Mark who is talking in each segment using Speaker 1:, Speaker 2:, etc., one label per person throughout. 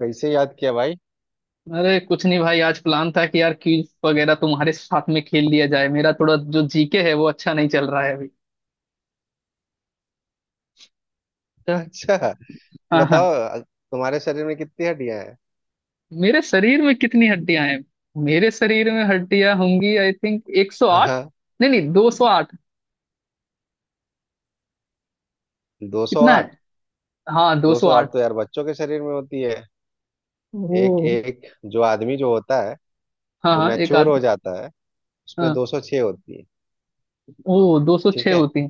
Speaker 1: कैसे याद किया भाई।
Speaker 2: अरे कुछ नहीं भाई। आज प्लान था कि यार क्विज वगैरह तुम्हारे साथ में खेल लिया जाए। मेरा थोड़ा जो जीके है वो अच्छा नहीं चल रहा है अभी।
Speaker 1: अच्छा,
Speaker 2: हाँ हाँ।
Speaker 1: बताओ तुम्हारे शरीर में कितनी हड्डियां हैं।
Speaker 2: मेरे शरीर में कितनी हड्डियां हैं? मेरे शरीर में हड्डियां होंगी आई थिंक 108।
Speaker 1: हाँ।
Speaker 2: नहीं नहीं, 208।
Speaker 1: दो सौ
Speaker 2: कितना
Speaker 1: आठ।
Speaker 2: है? हाँ,
Speaker 1: दो सौ
Speaker 2: 208।
Speaker 1: आठ तो यार बच्चों के शरीर में होती है। एक
Speaker 2: ओ।
Speaker 1: एक। जो आदमी जो होता है,
Speaker 2: हाँ
Speaker 1: जो
Speaker 2: हाँ, एक
Speaker 1: मैच्योर
Speaker 2: आध।
Speaker 1: हो जाता है उसमें
Speaker 2: हाँ।
Speaker 1: दो सौ छह होती है।
Speaker 2: ओ,
Speaker 1: ठीक
Speaker 2: 206
Speaker 1: है।
Speaker 2: होती है।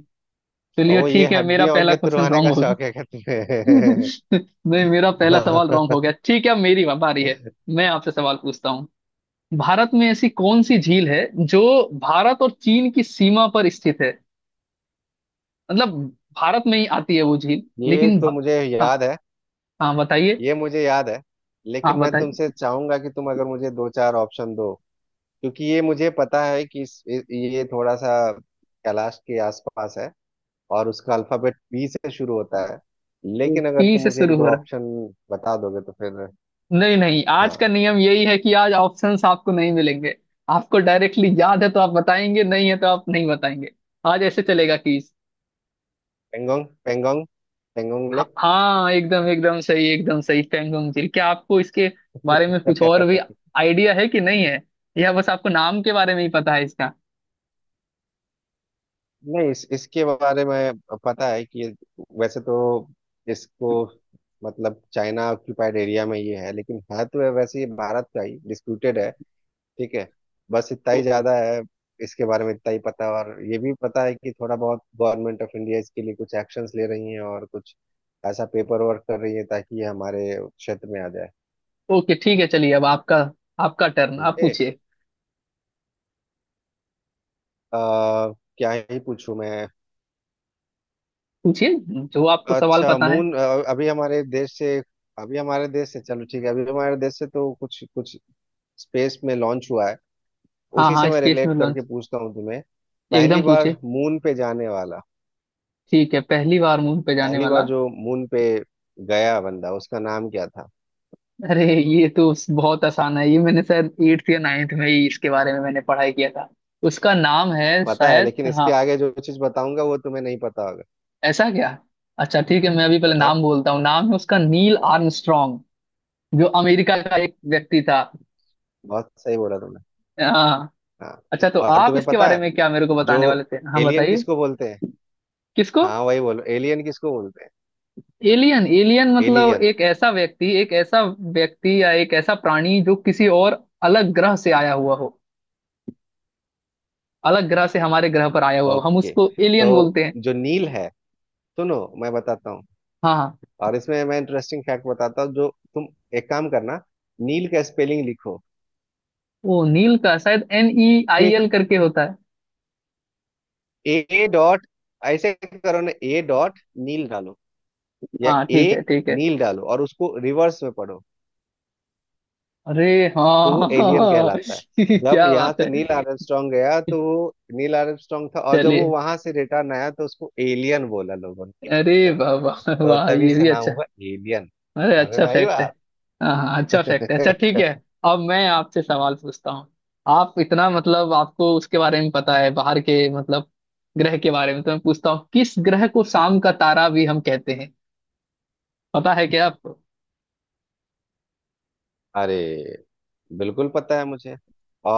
Speaker 1: और
Speaker 2: चलिए
Speaker 1: वो ये
Speaker 2: ठीक है, मेरा
Speaker 1: हड्डियां
Speaker 2: पहला
Speaker 1: वड्डियां
Speaker 2: क्वेश्चन
Speaker 1: तुड़वाने
Speaker 2: रॉन्ग
Speaker 1: का
Speaker 2: हो गया।
Speaker 1: शौक है क्या तुम्हें?
Speaker 2: नहीं, मेरा पहला सवाल रॉन्ग हो
Speaker 1: हाँ।
Speaker 2: गया। ठीक है, अब मेरी बारी है। मैं आपसे सवाल पूछता हूँ। भारत में ऐसी कौन सी झील है जो भारत और चीन की सीमा पर स्थित है? मतलब भारत में ही आती है वो झील,
Speaker 1: ये
Speaker 2: लेकिन
Speaker 1: तो
Speaker 2: भा...
Speaker 1: मुझे
Speaker 2: हाँ।
Speaker 1: याद है।
Speaker 2: हाँ बताइए।
Speaker 1: ये मुझे याद है,
Speaker 2: हाँ
Speaker 1: लेकिन मैं
Speaker 2: बताइए।
Speaker 1: तुमसे चाहूंगा कि तुम अगर मुझे दो चार ऑप्शन दो, क्योंकि ये मुझे पता है कि ये थोड़ा सा कैलाश के आसपास है, और उसका अल्फाबेट बी से शुरू होता है। लेकिन अगर
Speaker 2: टी
Speaker 1: तुम
Speaker 2: से
Speaker 1: मुझे एक
Speaker 2: शुरू
Speaker 1: दो
Speaker 2: हो रहा है।
Speaker 1: ऑप्शन बता दोगे तो फिर।
Speaker 2: नहीं नहीं, आज का
Speaker 1: हाँ।
Speaker 2: नियम यही है कि आज ऑप्शंस आपको नहीं मिलेंगे। आपको डायरेक्टली याद है तो आप बताएंगे, नहीं है तो आप नहीं बताएंगे। आज ऐसे चलेगा कि
Speaker 1: पेंगोंग पेंगोंग पेंगोंग
Speaker 2: हाँ
Speaker 1: लेक।
Speaker 2: हाँ, एकदम एकदम सही, एकदम सही पेंगोंग झील। क्या आपको इसके बारे में कुछ और भी आइडिया है कि नहीं है? यह बस आपको नाम के बारे में ही पता है इसका?
Speaker 1: नहीं, इसके बारे में पता है कि वैसे तो इसको, मतलब, चाइना ऑक्यूपाइड एरिया में ये है, लेकिन है तो वैसे ये भारत का ही डिस्प्यूटेड है। ठीक है। बस इतना ही ज्यादा है, इसके बारे में इतना ही पता है, और ये भी पता है कि थोड़ा बहुत गवर्नमेंट ऑफ इंडिया इसके लिए कुछ एक्शंस ले रही है और कुछ ऐसा पेपर वर्क कर रही है ताकि ये हमारे क्षेत्र में आ जाए।
Speaker 2: ओके ठीक है चलिए। अब आपका आपका टर्न आप
Speaker 1: समझे।
Speaker 2: पूछिए।
Speaker 1: अ, क्या ही पूछूं मैं।
Speaker 2: पूछिए जो आपको सवाल
Speaker 1: अच्छा,
Speaker 2: पता है।
Speaker 1: अभी हमारे देश से अभी हमारे देश से, चलो ठीक है, अभी हमारे देश से तो कुछ कुछ स्पेस में लॉन्च हुआ है।
Speaker 2: हाँ
Speaker 1: उसी से
Speaker 2: हाँ,
Speaker 1: मैं
Speaker 2: स्पेस में
Speaker 1: रिलेट करके
Speaker 2: लॉन्च।
Speaker 1: पूछता हूँ तुम्हें। पहली
Speaker 2: एकदम पूछिए।
Speaker 1: बार मून पे जाने वाला
Speaker 2: ठीक है, पहली बार मून पे जाने
Speaker 1: पहली बार
Speaker 2: वाला।
Speaker 1: जो मून पे गया बंदा उसका नाम क्या था?
Speaker 2: अरे, ये तो बहुत आसान है। ये मैंने शायद एट्थ या नाइन्थ में ही इसके बारे में मैंने पढ़ाई किया था। उसका नाम है
Speaker 1: पता है,
Speaker 2: शायद।
Speaker 1: लेकिन इसके
Speaker 2: हाँ।
Speaker 1: आगे जो चीज बताऊंगा वो तुम्हें नहीं पता होगा।
Speaker 2: ऐसा क्या? अच्छा ठीक है, मैं अभी पहले
Speaker 1: बताओ।
Speaker 2: नाम बोलता हूँ। नाम है उसका नील
Speaker 1: हाँ, हाँ।
Speaker 2: आर्मस्ट्रॉन्ग, जो अमेरिका का एक व्यक्ति था।
Speaker 1: बहुत सही बोला तुमने।
Speaker 2: हाँ।
Speaker 1: हाँ।
Speaker 2: अच्छा तो
Speaker 1: और
Speaker 2: आप
Speaker 1: तुम्हें
Speaker 2: इसके
Speaker 1: पता
Speaker 2: बारे
Speaker 1: है
Speaker 2: में क्या मेरे को
Speaker 1: जो
Speaker 2: बताने वाले थे? हाँ
Speaker 1: एलियन
Speaker 2: बताइए।
Speaker 1: किसको बोलते हैं?
Speaker 2: किसको?
Speaker 1: हाँ, वही बोलो, एलियन किसको बोलते हैं?
Speaker 2: एलियन? एलियन मतलब
Speaker 1: एलियन।
Speaker 2: एक ऐसा व्यक्ति, एक ऐसा व्यक्ति या एक ऐसा प्राणी जो किसी और अलग ग्रह से आया हुआ हो, अलग ग्रह से हमारे ग्रह पर आया हुआ हो, हम
Speaker 1: ओके,
Speaker 2: उसको
Speaker 1: तो
Speaker 2: एलियन बोलते हैं।
Speaker 1: जो नील है, सुनो, मैं बताता हूँ।
Speaker 2: हाँ हाँ।
Speaker 1: और इसमें मैं इंटरेस्टिंग फैक्ट बताता हूँ। जो तुम, एक काम करना, नील का स्पेलिंग लिखो।
Speaker 2: वो नील का शायद NEIL
Speaker 1: ठीक।
Speaker 2: करके होता है।
Speaker 1: ए डॉट ऐसे करो ना, ए डॉट, नील डालो, या
Speaker 2: हाँ
Speaker 1: ए
Speaker 2: ठीक है ठीक है।
Speaker 1: नील डालो, और उसको रिवर्स में पढ़ो।
Speaker 2: अरे,
Speaker 1: तो वो
Speaker 2: हाँ।
Speaker 1: एलियन कहलाता है। जब
Speaker 2: क्या
Speaker 1: यहाँ
Speaker 2: बात
Speaker 1: से
Speaker 2: है।
Speaker 1: नील आर्मस्ट्रांग गया तो वो नील आर्मस्ट्रांग था, और जब वो
Speaker 2: चलिए।
Speaker 1: वहां से रिटर्न आया तो उसको एलियन बोला लोगों ने,
Speaker 2: अरे
Speaker 1: एलियन।
Speaker 2: वाह वाह
Speaker 1: तो
Speaker 2: वाह,
Speaker 1: तभी
Speaker 2: ये
Speaker 1: से
Speaker 2: भी
Speaker 1: नाम
Speaker 2: अच्छा।
Speaker 1: हुआ एलियन।
Speaker 2: अरे,
Speaker 1: समझ
Speaker 2: अच्छा
Speaker 1: में आई
Speaker 2: फैक्ट है।
Speaker 1: बात?
Speaker 2: हाँ हाँ, अच्छा फैक्ट है। अच्छा ठीक है, अब मैं आपसे सवाल पूछता हूँ। आप इतना मतलब आपको उसके बारे में पता है बाहर के मतलब ग्रह के बारे में, तो मैं पूछता हूँ किस ग्रह को शाम का तारा भी हम कहते हैं? पता है क्या आपको?
Speaker 1: अरे, बिल्कुल पता है मुझे।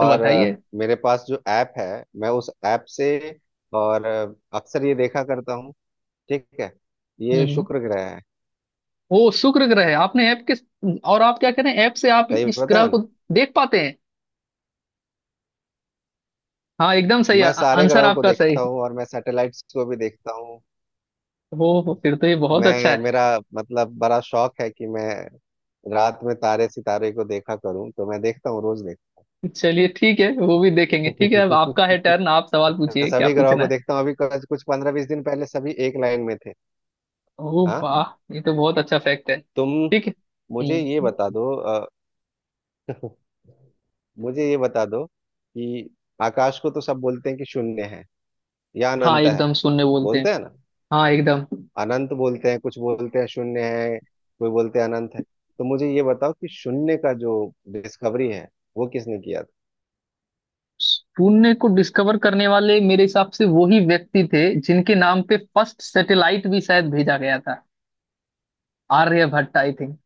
Speaker 2: तो बताइए।
Speaker 1: मेरे पास जो ऐप है, मैं उस ऐप से, और अक्सर ये देखा करता हूँ। ठीक है, ये
Speaker 2: हम्म हम्म।
Speaker 1: शुक्र ग्रह है।
Speaker 2: वो शुक्र ग्रह है, आपने ऐप के, और आप क्या करें, ऐप से आप
Speaker 1: सही
Speaker 2: इस
Speaker 1: बताया।
Speaker 2: ग्रह को देख पाते हैं? हाँ, एकदम सही।
Speaker 1: मैं सारे
Speaker 2: आंसर
Speaker 1: ग्रहों को
Speaker 2: आपका सही है।
Speaker 1: देखता हूँ, और मैं सैटेलाइट्स को भी देखता हूँ।
Speaker 2: हो फिर तो ये बहुत अच्छा
Speaker 1: मैं
Speaker 2: है।
Speaker 1: मेरा मतलब बड़ा शौक है कि मैं रात में तारे सितारे को देखा करूं, तो मैं देखता हूँ, रोज देखता
Speaker 2: चलिए ठीक है, वो भी देखेंगे। ठीक है, अब आपका है
Speaker 1: हूँ।
Speaker 2: टर्न, आप सवाल
Speaker 1: मैं
Speaker 2: पूछिए, क्या
Speaker 1: सभी ग्रहों
Speaker 2: पूछना
Speaker 1: को
Speaker 2: है?
Speaker 1: देखता हूँ। अभी कुछ कुछ पंद्रह बीस दिन पहले सभी एक लाइन में थे।
Speaker 2: ओह
Speaker 1: हाँ।
Speaker 2: वाह, ये तो बहुत अच्छा फैक्ट है।
Speaker 1: तुम
Speaker 2: ठीक है।
Speaker 1: मुझे ये
Speaker 2: हम्म।
Speaker 1: बता दो मुझे ये बता दो कि आकाश को तो सब बोलते हैं कि शून्य है या
Speaker 2: हाँ
Speaker 1: अनंत है।
Speaker 2: एकदम, शून्य बोलते हैं।
Speaker 1: बोलते हैं ना।
Speaker 2: हाँ एकदम।
Speaker 1: अनंत बोलते हैं, कुछ बोलते हैं शून्य है, कोई बोलते हैं अनंत है। तो मुझे ये बताओ कि शून्य का जो डिस्कवरी है वो किसने किया था?
Speaker 2: शून्य को डिस्कवर करने वाले मेरे हिसाब से वही व्यक्ति थे जिनके नाम पे फर्स्ट सैटेलाइट भी शायद भेजा गया था। Aryabhata I think.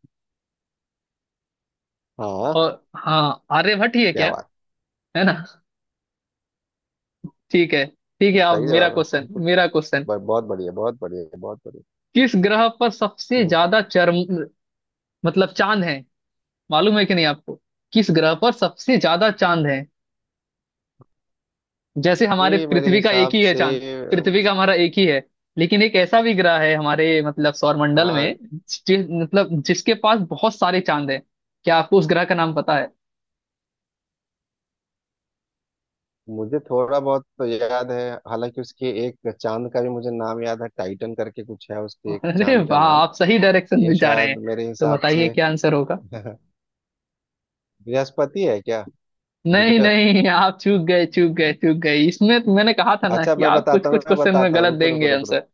Speaker 1: हाँ।
Speaker 2: और हाँ, आर्यभट्ट ही है
Speaker 1: क्या
Speaker 2: क्या?
Speaker 1: बात,
Speaker 2: है ना? ठीक है। ठीक है, अब
Speaker 1: सही
Speaker 2: मेरा
Speaker 1: जवाब है
Speaker 2: क्वेश्चन,
Speaker 1: हमको। बहुत बढ़िया, बहुत बढ़िया, बहुत बढ़िया।
Speaker 2: किस ग्रह पर सबसे
Speaker 1: हम्म,
Speaker 2: ज्यादा चरम मतलब चांद है, मालूम है कि नहीं आपको? किस ग्रह पर सबसे ज्यादा चांद है? जैसे हमारे
Speaker 1: ये मेरे
Speaker 2: पृथ्वी का एक
Speaker 1: हिसाब
Speaker 2: ही है
Speaker 1: से
Speaker 2: चांद,
Speaker 1: अम,
Speaker 2: पृथ्वी का हमारा एक ही है, लेकिन एक ऐसा भी ग्रह है हमारे मतलब सौरमंडल
Speaker 1: हाँ।
Speaker 2: में मतलब जिसके पास बहुत सारे चांद हैं। क्या आपको उस ग्रह का नाम पता है?
Speaker 1: मुझे थोड़ा बहुत तो याद है, हालांकि उसके एक चांद का भी मुझे नाम याद है, टाइटन करके कुछ है उसके एक
Speaker 2: अरे
Speaker 1: चांद का
Speaker 2: वाह,
Speaker 1: नाम।
Speaker 2: आप सही डायरेक्शन
Speaker 1: ये
Speaker 2: में जा रहे हैं।
Speaker 1: शायद मेरे
Speaker 2: तो
Speaker 1: हिसाब
Speaker 2: बताइए
Speaker 1: से
Speaker 2: क्या आंसर होगा?
Speaker 1: बृहस्पति है क्या?
Speaker 2: नहीं
Speaker 1: जुपिटर।
Speaker 2: नहीं, आप चूक गए चूक गए चूक गए, इसमें तो मैंने कहा था ना
Speaker 1: अच्छा,
Speaker 2: कि
Speaker 1: मैं
Speaker 2: आप कुछ
Speaker 1: बताता हूँ,
Speaker 2: कुछ
Speaker 1: मैं
Speaker 2: क्वेश्चन में
Speaker 1: बताता हूँ,
Speaker 2: गलत
Speaker 1: रुको रुको
Speaker 2: देंगे
Speaker 1: रुको।
Speaker 2: आंसर।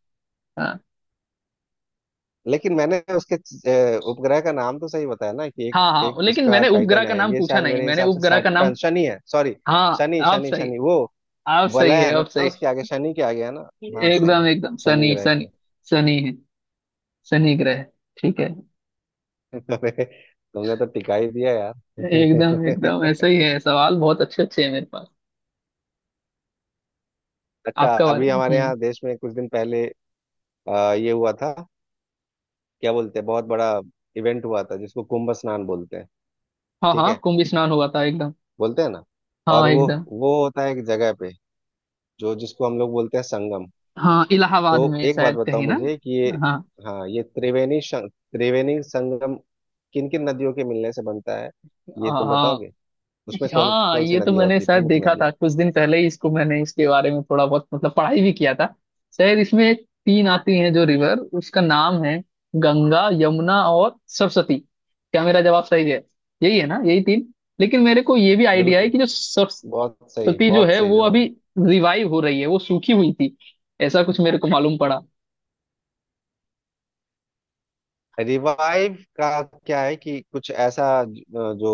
Speaker 2: हाँ
Speaker 1: लेकिन मैंने उसके उपग्रह का नाम तो सही बताया ना, कि एक
Speaker 2: हाँ।
Speaker 1: एक
Speaker 2: हाँ लेकिन
Speaker 1: उसका
Speaker 2: मैंने उपग्रह
Speaker 1: टाइटन
Speaker 2: का
Speaker 1: है,
Speaker 2: नाम
Speaker 1: ये
Speaker 2: पूछा
Speaker 1: शायद
Speaker 2: नहीं,
Speaker 1: मेरे
Speaker 2: मैंने
Speaker 1: हिसाब से
Speaker 2: उपग्रह का नाम।
Speaker 1: सैटर्न, शनि है, सॉरी।
Speaker 2: हाँ
Speaker 1: शनि
Speaker 2: आप
Speaker 1: शनि
Speaker 2: सही,
Speaker 1: शनि, वो
Speaker 2: आप सही
Speaker 1: वलय
Speaker 2: है,
Speaker 1: है
Speaker 2: आप
Speaker 1: ना
Speaker 2: सही।
Speaker 1: उसके आगे, शनि के आगे है ना? हाँ, सही है।
Speaker 2: एकदम एकदम
Speaker 1: शनि
Speaker 2: शनि,
Speaker 1: ग्रह के।
Speaker 2: शनि शनि है, शनि ग्रह, ठीक है।
Speaker 1: अरे, तुमने तो टिका ही दिया यार।
Speaker 2: एकदम एकदम ऐसा ही है, सवाल बहुत अच्छे अच्छे हैं मेरे पास।
Speaker 1: अच्छा,
Speaker 2: आपका बारे
Speaker 1: अभी
Speaker 2: में
Speaker 1: हमारे
Speaker 2: हम्म।
Speaker 1: यहाँ देश में कुछ दिन पहले ये हुआ था, क्या बोलते हैं, बहुत बड़ा इवेंट हुआ था जिसको कुंभ स्नान बोलते हैं।
Speaker 2: हाँ
Speaker 1: ठीक
Speaker 2: हाँ,
Speaker 1: है।
Speaker 2: कुंभ स्नान हुआ था एकदम।
Speaker 1: बोलते हैं ना। और
Speaker 2: हाँ
Speaker 1: वो
Speaker 2: एकदम।
Speaker 1: वो होता है एक जगह पे जो जिसको हम लोग बोलते हैं संगम।
Speaker 2: हाँ,
Speaker 1: तो
Speaker 2: इलाहाबाद में
Speaker 1: एक बात
Speaker 2: शायद
Speaker 1: बताओ
Speaker 2: कहीं ना।
Speaker 1: मुझे कि ये,
Speaker 2: हाँ।
Speaker 1: हाँ, ये त्रिवेणी त्रिवेणी संगम किन किन नदियों के मिलने से बनता है? ये
Speaker 2: हाँ
Speaker 1: तुम
Speaker 2: हाँ।
Speaker 1: बताओगे उसमें कौन
Speaker 2: हाँ
Speaker 1: कौन सी
Speaker 2: ये तो
Speaker 1: नदियां
Speaker 2: मैंने
Speaker 1: होती है,
Speaker 2: शायद
Speaker 1: प्रमुख
Speaker 2: देखा था,
Speaker 1: नदियां?
Speaker 2: कुछ दिन पहले ही इसको मैंने इसके बारे में थोड़ा बहुत मतलब पढ़ाई भी किया था। शायद इसमें एक तीन आती हैं जो रिवर, उसका नाम है गंगा, यमुना और सरस्वती। क्या मेरा जवाब सही है? यही है ना, यही तीन? लेकिन मेरे को ये भी आइडिया है
Speaker 1: बिल्कुल,
Speaker 2: कि जो सरस्वती
Speaker 1: बहुत सही,
Speaker 2: जो
Speaker 1: बहुत
Speaker 2: है
Speaker 1: सही
Speaker 2: वो अभी
Speaker 1: जवाब।
Speaker 2: रिवाइव हो रही है, वो सूखी हुई थी, ऐसा कुछ मेरे को मालूम पड़ा।
Speaker 1: रिवाइव का क्या है कि कुछ ऐसा जो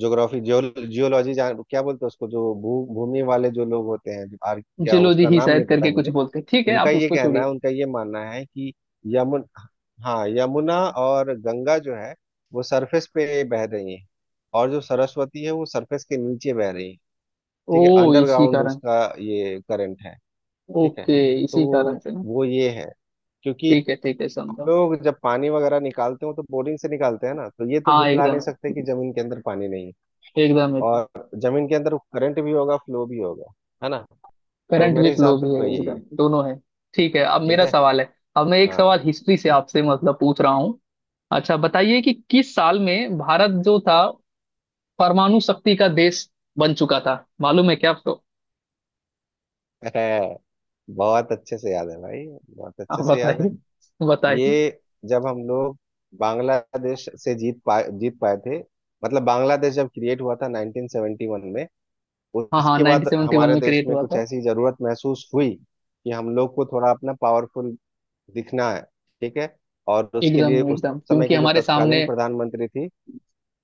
Speaker 1: ज्योग्राफी जियोलॉजी जान क्या बोलते हैं उसको, जो भू भूमि वाले जो लोग होते हैं, क्या
Speaker 2: जिलोजी
Speaker 1: उसका
Speaker 2: ही
Speaker 1: नाम
Speaker 2: शायद
Speaker 1: नहीं पता
Speaker 2: करके
Speaker 1: है
Speaker 2: कुछ
Speaker 1: मुझे।
Speaker 2: बोलते हैं। ठीक है
Speaker 1: उनका
Speaker 2: आप
Speaker 1: ये
Speaker 2: उसको
Speaker 1: कहना
Speaker 2: छोड़िए।
Speaker 1: है, उनका ये मानना है कि यमुन हाँ, यमुना और गंगा जो है वो सरफेस पे बह रही है, और जो सरस्वती है वो सरफेस के नीचे बह रही है,
Speaker 2: ओ,
Speaker 1: ठीक है,
Speaker 2: इसी
Speaker 1: अंडरग्राउंड
Speaker 2: कारण।
Speaker 1: उसका, ये करंट है। ठीक है,
Speaker 2: ओके,
Speaker 1: तो
Speaker 2: इसी कारण
Speaker 1: वो
Speaker 2: से ना?
Speaker 1: वो ये है, क्योंकि
Speaker 2: ठीक है ठीक है,
Speaker 1: हम
Speaker 2: समझा।
Speaker 1: लोग जब पानी वगैरह निकालते हो तो बोरिंग से निकालते हैं ना, तो ये तो
Speaker 2: हाँ
Speaker 1: झुटला नहीं
Speaker 2: एकदम,
Speaker 1: सकते कि जमीन के अंदर पानी नहीं है,
Speaker 2: एकदम एकदम।
Speaker 1: और जमीन के अंदर करंट भी होगा, फ्लो भी होगा, है ना? तो
Speaker 2: करंट भी,
Speaker 1: मेरे हिसाब
Speaker 2: फ्लो
Speaker 1: से
Speaker 2: भी है,
Speaker 1: तो यही है।
Speaker 2: एकदम दोनों है। ठीक है, अब
Speaker 1: ठीक
Speaker 2: मेरा
Speaker 1: है।
Speaker 2: सवाल है, अब मैं एक
Speaker 1: हाँ।
Speaker 2: सवाल हिस्ट्री से आपसे मतलब पूछ रहा हूँ। अच्छा बताइए कि किस साल में भारत जो था परमाणु शक्ति का देश बन चुका था? मालूम है क्या आपको?
Speaker 1: है। बहुत अच्छे से याद है भाई, बहुत
Speaker 2: आप
Speaker 1: अच्छे से याद
Speaker 2: बताइए,
Speaker 1: है।
Speaker 2: बताइए।
Speaker 1: ये, जब हम लोग बांग्लादेश से जीत पाए थे, मतलब बांग्लादेश जब क्रिएट हुआ था 1971 में,
Speaker 2: हाँ हाँ,
Speaker 1: उसके
Speaker 2: नाइनटीन
Speaker 1: बाद
Speaker 2: सेवेंटी वन
Speaker 1: हमारे
Speaker 2: में
Speaker 1: देश
Speaker 2: क्रिएट
Speaker 1: में
Speaker 2: हुआ
Speaker 1: कुछ
Speaker 2: था।
Speaker 1: ऐसी जरूरत महसूस हुई, कि हम लोग को थोड़ा अपना पावरफुल दिखना है, ठीक है। और उसके लिए
Speaker 2: एकदम
Speaker 1: उस
Speaker 2: एकदम,
Speaker 1: समय
Speaker 2: क्योंकि
Speaker 1: की जो
Speaker 2: हमारे सामने
Speaker 1: तत्कालीन प्रधानमंत्री थी,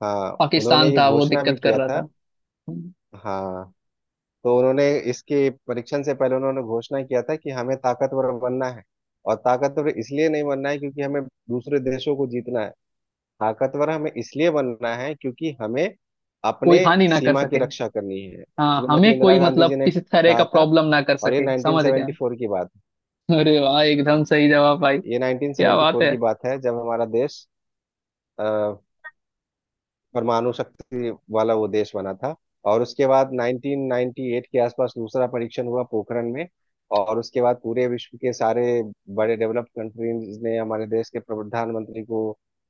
Speaker 1: हाँ, उन्होंने
Speaker 2: पाकिस्तान
Speaker 1: ये
Speaker 2: था, वो
Speaker 1: घोषणा भी
Speaker 2: दिक्कत कर
Speaker 1: किया
Speaker 2: रहा
Speaker 1: था।
Speaker 2: था।
Speaker 1: हाँ, तो उन्होंने इसके परीक्षण से पहले उन्होंने घोषणा किया था कि हमें ताकतवर बनना है, और ताकतवर इसलिए नहीं बनना है क्योंकि हमें दूसरे देशों को जीतना है, ताकतवर हमें इसलिए बनना है क्योंकि हमें
Speaker 2: कोई
Speaker 1: अपने
Speaker 2: हानि ना कर
Speaker 1: सीमा की
Speaker 2: सके।
Speaker 1: रक्षा करनी है।
Speaker 2: हाँ,
Speaker 1: श्रीमती
Speaker 2: हमें
Speaker 1: इंदिरा
Speaker 2: कोई
Speaker 1: गांधी जी
Speaker 2: मतलब
Speaker 1: ने
Speaker 2: किसी तरह का
Speaker 1: कहा था,
Speaker 2: प्रॉब्लम ना कर
Speaker 1: और ये
Speaker 2: सके, समझ गए।
Speaker 1: 1974 की बात है।
Speaker 2: अरे वाह, एकदम सही जवाब भाई।
Speaker 1: ये
Speaker 2: क्या बात
Speaker 1: 1974
Speaker 2: है।
Speaker 1: की बात है जब हमारा देश परमाणु शक्ति वाला वो देश बना था, और उसके बाद 1998 के आसपास दूसरा परीक्षण हुआ पोखरण में। और उसके बाद पूरे विश्व के सारे बड़े डेवलप्ड कंट्रीज ने हमारे देश के प्रधानमंत्री को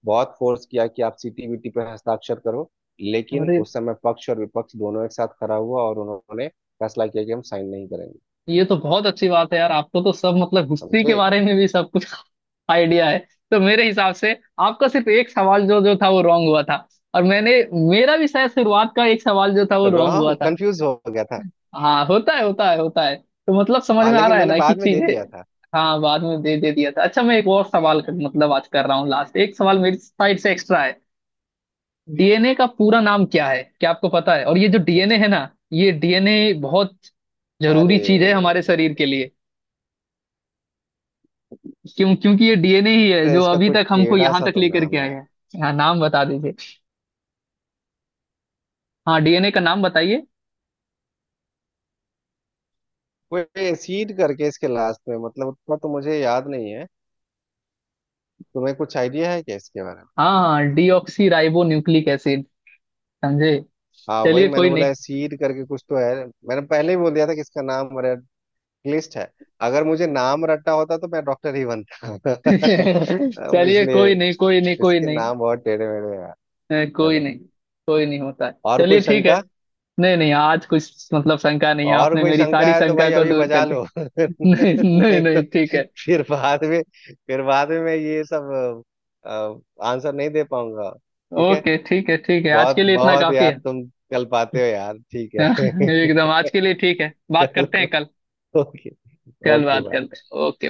Speaker 1: बहुत फोर्स किया कि आप सीटीबीटी पर हस्ताक्षर करो, लेकिन
Speaker 2: अरे
Speaker 1: उस समय पक्ष और विपक्ष दोनों एक साथ खड़ा हुआ और उन्होंने फैसला किया कि हम साइन नहीं करेंगे।
Speaker 2: ये तो बहुत अच्छी बात है यार, आपको तो सब मतलब हिस्ट्री
Speaker 1: समझे।
Speaker 2: के बारे में भी सब कुछ आइडिया है। तो मेरे हिसाब से आपका सिर्फ एक सवाल जो जो था वो रॉन्ग हुआ था, और मैंने मेरा भी शायद शुरुआत का एक सवाल जो था वो रॉन्ग हुआ
Speaker 1: रॉन्ग,
Speaker 2: था।
Speaker 1: कंफ्यूज हो गया था।
Speaker 2: हाँ होता है होता है होता है, तो मतलब समझ
Speaker 1: हाँ,
Speaker 2: में आ
Speaker 1: लेकिन
Speaker 2: रहा है
Speaker 1: मैंने
Speaker 2: ना कि
Speaker 1: बाद में दे
Speaker 2: चीजें।
Speaker 1: दिया था।
Speaker 2: हाँ, बाद में दे दे दिया था। अच्छा मैं एक और सवाल कर, मतलब आज कर रहा हूँ लास्ट, एक सवाल मेरी साइड से एक्स्ट्रा है। डीएनए का पूरा नाम क्या है, क्या आपको पता है? और ये जो
Speaker 1: तो
Speaker 2: डीएनए
Speaker 1: ठीक।
Speaker 2: है ना, ये डीएनए बहुत जरूरी
Speaker 1: अरे।
Speaker 2: चीज है हमारे शरीर के लिए, क्यों? क्योंकि ये डीएनए ही है
Speaker 1: अरे,
Speaker 2: जो
Speaker 1: इसका
Speaker 2: अभी
Speaker 1: कोई
Speaker 2: तक हमको
Speaker 1: टेढ़ा
Speaker 2: यहाँ
Speaker 1: सा
Speaker 2: तक
Speaker 1: तो
Speaker 2: लेकर के
Speaker 1: नाम है।
Speaker 2: आया है। हाँ, नाम बता दीजिए। हाँ, डीएनए का नाम बताइए।
Speaker 1: वो एसीड करके इसके लास्ट में, मतलब, उतना तो मुझे याद नहीं है। तुम्हें कुछ आइडिया है क्या इसके बारे में?
Speaker 2: हाँ, डीऑक्सी राइबो न्यूक्लिक एसिड। समझे?
Speaker 1: हाँ, वही
Speaker 2: चलिए
Speaker 1: मैंने
Speaker 2: कोई नहीं।
Speaker 1: बोला, एसीड करके कुछ तो है, मैंने पहले ही बोल दिया था कि इसका नाम रेड लिस्ट है। अगर मुझे नाम रट्टा होता तो मैं डॉक्टर ही बनता।
Speaker 2: चलिए
Speaker 1: इसलिए
Speaker 2: कोई नहीं कोई नहीं कोई
Speaker 1: इसके
Speaker 2: नहीं।
Speaker 1: नाम बहुत टेढ़े मेढ़े हैं यार।
Speaker 2: कोई
Speaker 1: चलो,
Speaker 2: नहीं, कोई नहीं होता है,
Speaker 1: और कोई
Speaker 2: चलिए ठीक है।
Speaker 1: शंका?
Speaker 2: नहीं नहीं, आज कुछ मतलब शंका नहीं है,
Speaker 1: और
Speaker 2: आपने
Speaker 1: कोई
Speaker 2: मेरी सारी
Speaker 1: शंका है तो
Speaker 2: शंका
Speaker 1: भाई
Speaker 2: को
Speaker 1: अभी
Speaker 2: दूर
Speaker 1: बजा
Speaker 2: कर दी।
Speaker 1: लो।
Speaker 2: नहीं, नहीं
Speaker 1: नहीं तो
Speaker 2: नहीं ठीक है।
Speaker 1: फिर बाद में फिर बाद में मैं ये सब आंसर नहीं दे पाऊंगा। ठीक है।
Speaker 2: ओके ठीक है ठीक है, आज
Speaker 1: बहुत
Speaker 2: के लिए इतना
Speaker 1: बहुत
Speaker 2: काफी है।
Speaker 1: यार तुम, कल पाते हो यार, ठीक है।
Speaker 2: एकदम, आज के लिए ठीक है, बात करते
Speaker 1: चलो।
Speaker 2: हैं कल।
Speaker 1: ओके।
Speaker 2: कल
Speaker 1: ओके,
Speaker 2: बात करते
Speaker 1: बाय।
Speaker 2: हैं, ओके।